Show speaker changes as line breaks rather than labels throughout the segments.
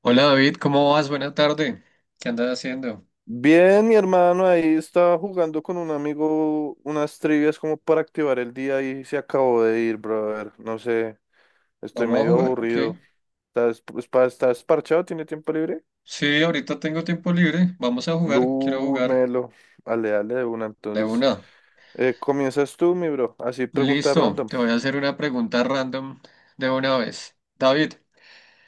Hola David, ¿cómo vas? Buena tarde. ¿Qué andas haciendo?
Bien, mi hermano ahí estaba jugando con un amigo unas trivias como para activar el día y se acabó de ir, brother. No sé, estoy
¿Vamos a
medio
jugar o
aburrido.
qué?
¿Estás, pues, estás parchado? ¿Tiene tiempo libre?
Sí, ahorita tengo tiempo libre. Vamos a jugar. Quiero
Uy,
jugar.
Melo. Dale, dale de una.
De
Entonces,
una.
comienzas tú, mi bro. Así pregunta
Listo.
random.
Te voy a hacer una pregunta random de una vez. David,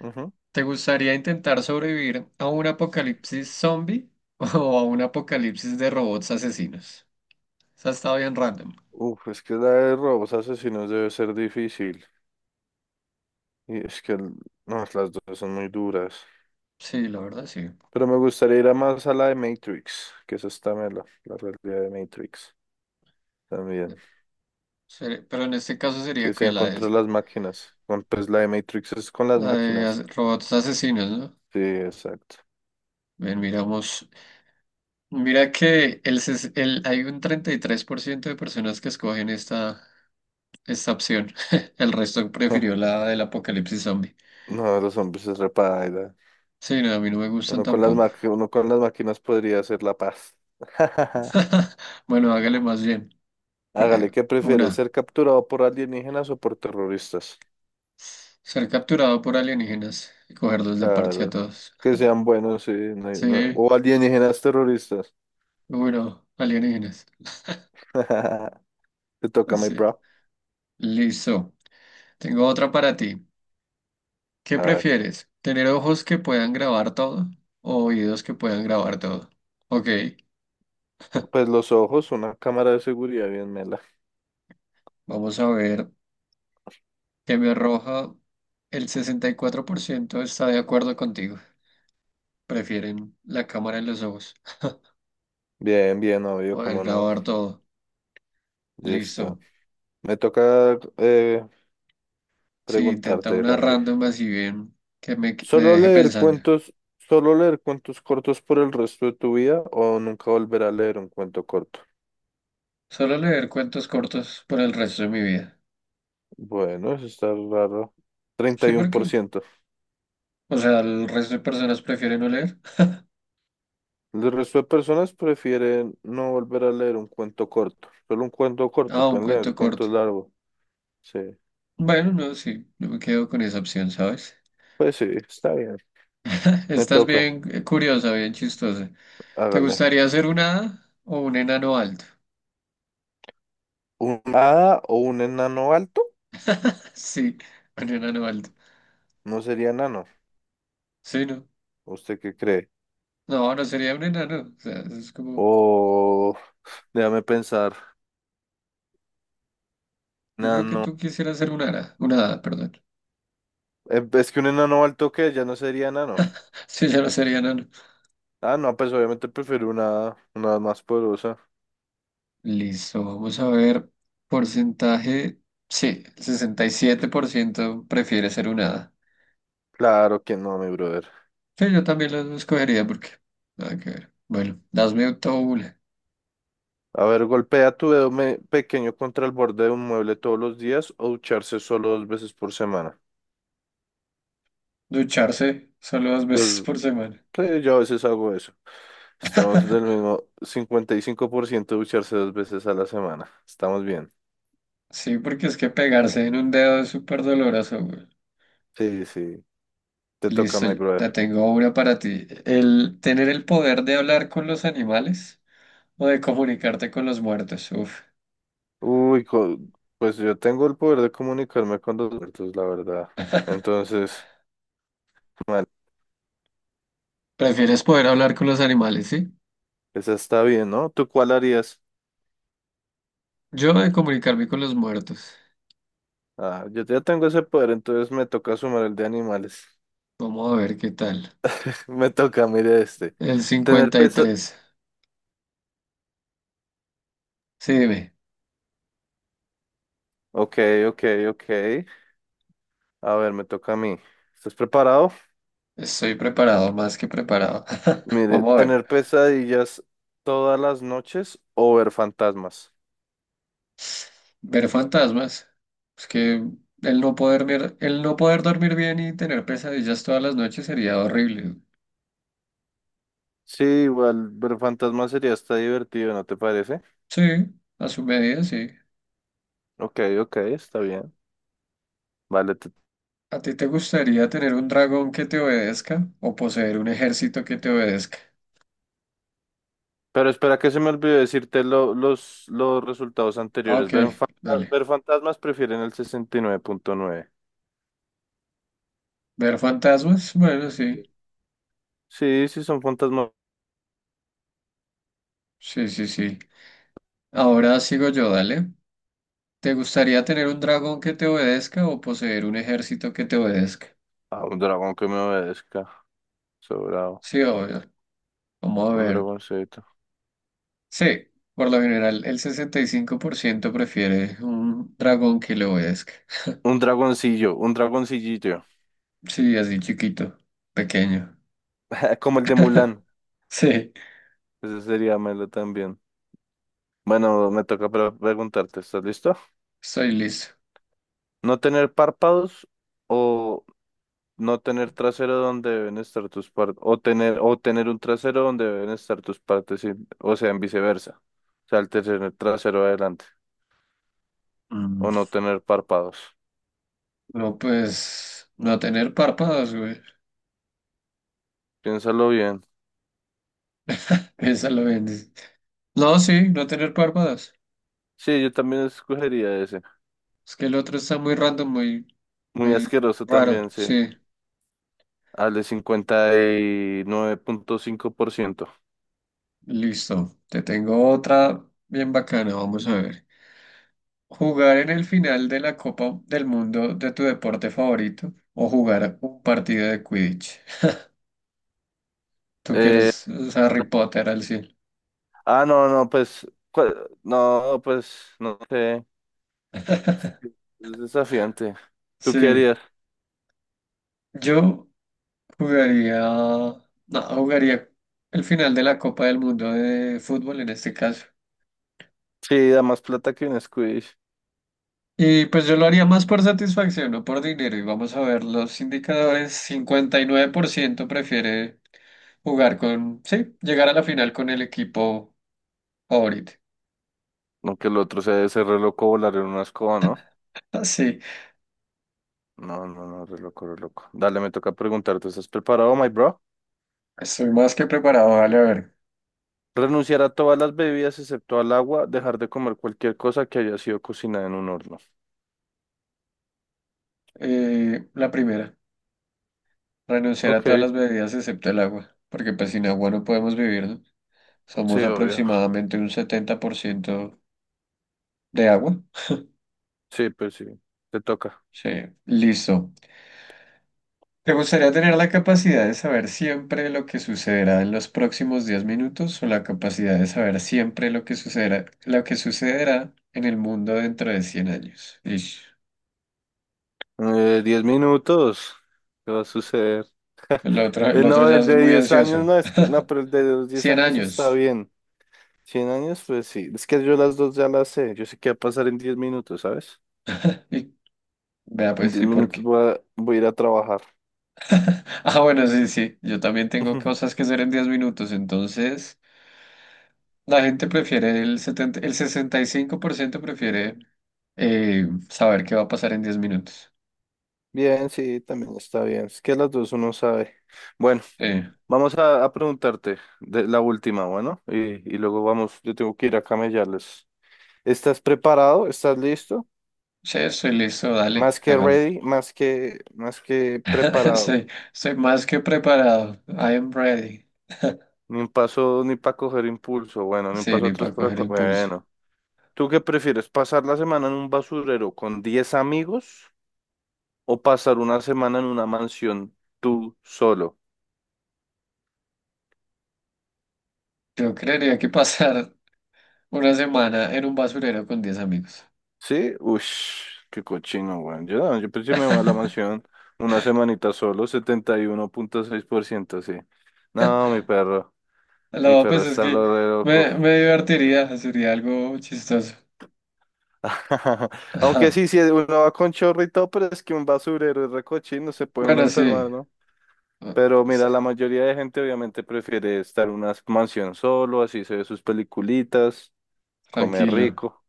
Ujú.
¿te gustaría intentar sobrevivir a un apocalipsis zombie o a un apocalipsis de robots asesinos? Esa está bien random.
Uf, es que la de robos asesinos debe ser difícil. Y es que no, las dos son muy duras.
Sí, la verdad sí.
Pero me gustaría ir a más a la de Matrix, que esa está mela, la realidad de Matrix también.
Pero en este caso
Que
sería que
sea contra las máquinas. Pues la de Matrix es con las máquinas.
robots asesinos, ¿no?
Sí, exacto.
Bien, miramos. Mira que hay un 33% de personas que escogen esta opción. El resto prefirió la del apocalipsis zombie.
No, los hombres es repaida.
Sí, no, a mí no me gustan
Uno con las
tampoco.
maqui- uno con las máquinas podría hacer la paz.
Bueno, hágale más bien. Cu-
Hágale,
eh,
¿qué prefiere?
Una,
¿Ser capturado por alienígenas o por terroristas?
ser capturado por alienígenas y cogerlos de parche a
Claro.
todos.
Que sean buenos, sí.
Sí,
O alienígenas terroristas.
bueno, alienígenas.
Te toca, my
Sí,
bro.
listo. Tengo otra para ti. ¿Qué
A ver.
prefieres? ¿Tener ojos que puedan grabar todo o oídos que puedan grabar todo? Ok.
Pues los ojos, una cámara de seguridad bien mela.
Vamos a ver que me arroja. El 64% está de acuerdo contigo. Prefieren la cámara en los ojos.
Bien, bien, obvio,
Poder
cómo no.
grabar todo. Listo.
Listo. Me toca
Sí, intenta
preguntarte,
una
Randy.
random así bien que me
¿Solo
deje
leer
pensando.
cuentos, solo leer cuentos cortos por el resto de tu vida o nunca volver a leer un cuento corto?
Solo leer cuentos cortos por el resto de mi vida.
Bueno, eso está raro. Treinta
Sí,
y uno
¿por
por
qué?
ciento.
O sea, el resto de personas prefieren no leer.
El resto de personas prefieren no volver a leer un cuento corto. Solo un cuento corto,
Ah, un
pueden leer
cuento corto.
cuentos largos. Sí.
Bueno, no, sí, no me quedo con esa opción, ¿sabes?
Pues sí, está bien. Me
Estás
toca,
bien, curiosa, bien chistosa. ¿Te
hágale.
gustaría ser una hada o un enano alto?
¿Un hada o un enano alto?
Sí, un enano alto.
No sería enano.
Sí, no.
¿Usted qué cree?
No, no sería un enano. O sea, es como...
O déjame pensar.
Yo creo que
Enano.
tú quisieras ser un hada. Una hada, perdón.
Es que un enano alto que ya no sería enano.
Sí, yo no sería enano.
Ah, no, pues obviamente prefiero una más poderosa.
Listo, vamos a ver. Porcentaje. Sí, el 67% prefiere ser un hada.
Claro que no, mi brother.
Sí, yo también lo escogería, porque... Nada que ver. Bueno, hazme auto una.
A ver, golpea tu dedo pequeño contra el borde de un mueble todos los días o ducharse solo dos veces por semana.
Ducharse solo dos veces
Dos,
por semana.
sí, yo a veces hago eso. Estamos del mismo 55% ducharse dos veces a la semana. Estamos bien.
Sí, porque es que pegarse en un dedo es súper doloroso.
Sí, sí, te toca,
Listo,
my brother.
la tengo una para ti. El tener el poder de hablar con los animales o de comunicarte con los muertos. Uf.
Uy, pues yo tengo el poder de comunicarme con los muertos, la verdad. Entonces, mal,
¿Prefieres poder hablar con los animales, sí?
esa está bien, ¿no? ¿Tú cuál harías?
Yo, de comunicarme con los muertos.
Ah, yo ya tengo ese poder, entonces me toca sumar el de animales.
Vamos a ver qué tal.
Me toca, mire este.
El
Tener
cincuenta y
pesa...
tres. Sí, dime.
Ok, ok, ok. A ver, me toca a mí. ¿Estás preparado?
Estoy preparado, más que preparado.
Mire,
Vamos a ver.
tener pesadillas todas las noches o ver fantasmas.
Ver fantasmas. Es que el no poder dormir bien y tener pesadillas todas las noches sería horrible.
Sí, igual ver fantasmas sería hasta divertido, ¿no te parece?
Sí, a su medida, sí.
Ok, ok, está bien. Vale,
¿A ti te gustaría tener un dragón que te obedezca o poseer un ejército que te obedezca?
pero espera que se me olvidó decirte los resultados
Ah,
anteriores.
ok,
Ver, fanta-
dale.
ver fantasmas prefieren el 69.9.
¿Ver fantasmas? Bueno, sí.
Sí, sí, sí son fantasmas.
Sí, sí, sí. Ahora sigo yo, dale. ¿Te gustaría tener un dragón que te obedezca o poseer un ejército que te obedezca?
Ah, un dragón que me obedezca. Sobrado.
Sí, obvio. Vamos a
Un
ver.
dragoncito.
Sí, por lo general el 65% prefiere un dragón que le obedezca.
Un dragoncillo, un dragoncillito,
Sí, así chiquito, pequeño.
como el de Mulan.
Sí,
Ese sería Melo también. Bueno, me toca preguntarte, ¿estás listo?
estoy listo.
¿No tener párpados o no tener trasero donde deben estar tus partes, o tener un trasero donde deben estar tus partes, o sea, en viceversa. O sea, el tener trasero adelante, o no
Mm.
tener párpados.
No, pues no tener párpados, güey.
Piénsalo bien.
Esa la vendes. No, sí, no tener párpados.
Sí, yo también escogería ese.
Es que el otro está muy random, muy,
Muy
muy
asqueroso
raro.
también, sí.
Sí,
Al de 59.5%.
listo. Te tengo otra bien bacana, vamos a ver. Jugar en el final de la Copa del Mundo de tu deporte favorito o jugar un partido de Quidditch. Tú que
Eh,
eres Harry Potter al cielo.
ah, no, no, pues, no, pues, no sé. Es desafiante. ¿Tú
Sí,
qué harías?
yo Jugaría, no, jugaría el final de la Copa del Mundo de fútbol en este caso.
Sí, da más plata que un squid.
Y pues yo lo haría más por satisfacción, no por dinero. Y vamos a ver los indicadores. 59% prefiere sí, llegar a la final con el equipo favorito.
No que el otro sea ese re loco volar en una escoba, ¿no?
Así,
No, no, no, re loco, re loco. Dale, me toca preguntarte, ¿estás preparado, my bro?
estoy más que preparado. Vale, a ver.
Renunciar a todas las bebidas excepto al agua, dejar de comer cualquier cosa que haya sido cocinada en un horno.
La primera, renunciar a
Ok,
todas las bebidas excepto el agua, porque pues sin agua no podemos vivir, ¿no? Somos
sí, obvio.
aproximadamente un 70% de agua.
Sí, pues sí, te toca.
Sí, listo. ¿Te gustaría tener la capacidad de saber siempre lo que sucederá en los próximos 10 minutos, o la capacidad de saber siempre lo que sucederá en el mundo dentro de 100 años? Ish.
10 minutos. ¿Qué va a suceder?
El otro, el
Eh,
otro
no,
ya
el
es
de
muy
10 años,
ansioso.
no, es que, no, pero el de los 10
100
años está
años.
bien. 100 años, pues sí. Es que yo las dos ya las sé. Yo sé qué va a pasar en 10 minutos, ¿sabes?
Y vea
En
pues,
10
¿y por
minutos
qué?
voy a, ir a trabajar.
Ah, bueno, sí, sí. Yo también tengo cosas que hacer en 10 minutos, entonces la gente prefiere el 70, el 65% prefiere, saber qué va a pasar en 10 minutos.
Bien, sí, también está bien. Es que las dos uno sabe. Bueno,
Sí.
vamos a preguntarte de la última, bueno, y luego vamos, yo tengo que ir a camellarles. ¿Estás preparado? ¿Estás listo?
Sí, estoy listo, dale,
Más que
hagámoslo.
ready, más que preparado.
Soy más que preparado. I am ready.
Ni un paso ni para coger impulso, bueno, ni un
Sí,
paso
ni
atrás
para
para...
coger
co-
impulso.
Bueno, ¿tú qué prefieres? ¿Pasar la semana en un basurero con 10 amigos o pasar una semana en una mansión tú solo?
Yo creería que pasar una semana en un basurero con 10 amigos.
Sí, uff, qué cochino, weón. No, yo pues sí me voy a la mansión una semanita solo, 71.6%, sí. No, mi perro, mi
No,
perro
pues es
está
que
lo re loco.
me divertiría, sería algo chistoso.
Aunque
Ajá.
sí, si uno va con chorro y todo, pero es que un basurero es re cochino, se puede uno
Bueno, sí.
enfermar, ¿no?
Ah,
Pero
sí,
mira, la mayoría de gente obviamente prefiere estar en una mansión solo, así se ve sus peliculitas, comer
tranquilo.
rico.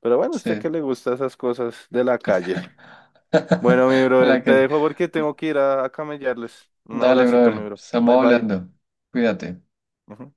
Pero bueno, ¿a usted
Sí.
qué le gusta esas cosas de la calle? Bueno, mi
A
brother,
la
te
calle.
dejo porque tengo que ir a camellarles. Un
Dale,
abracito, mi
brother.
bro. Bye,
Estamos
bye.
hablando. Cuídate.
Ujú.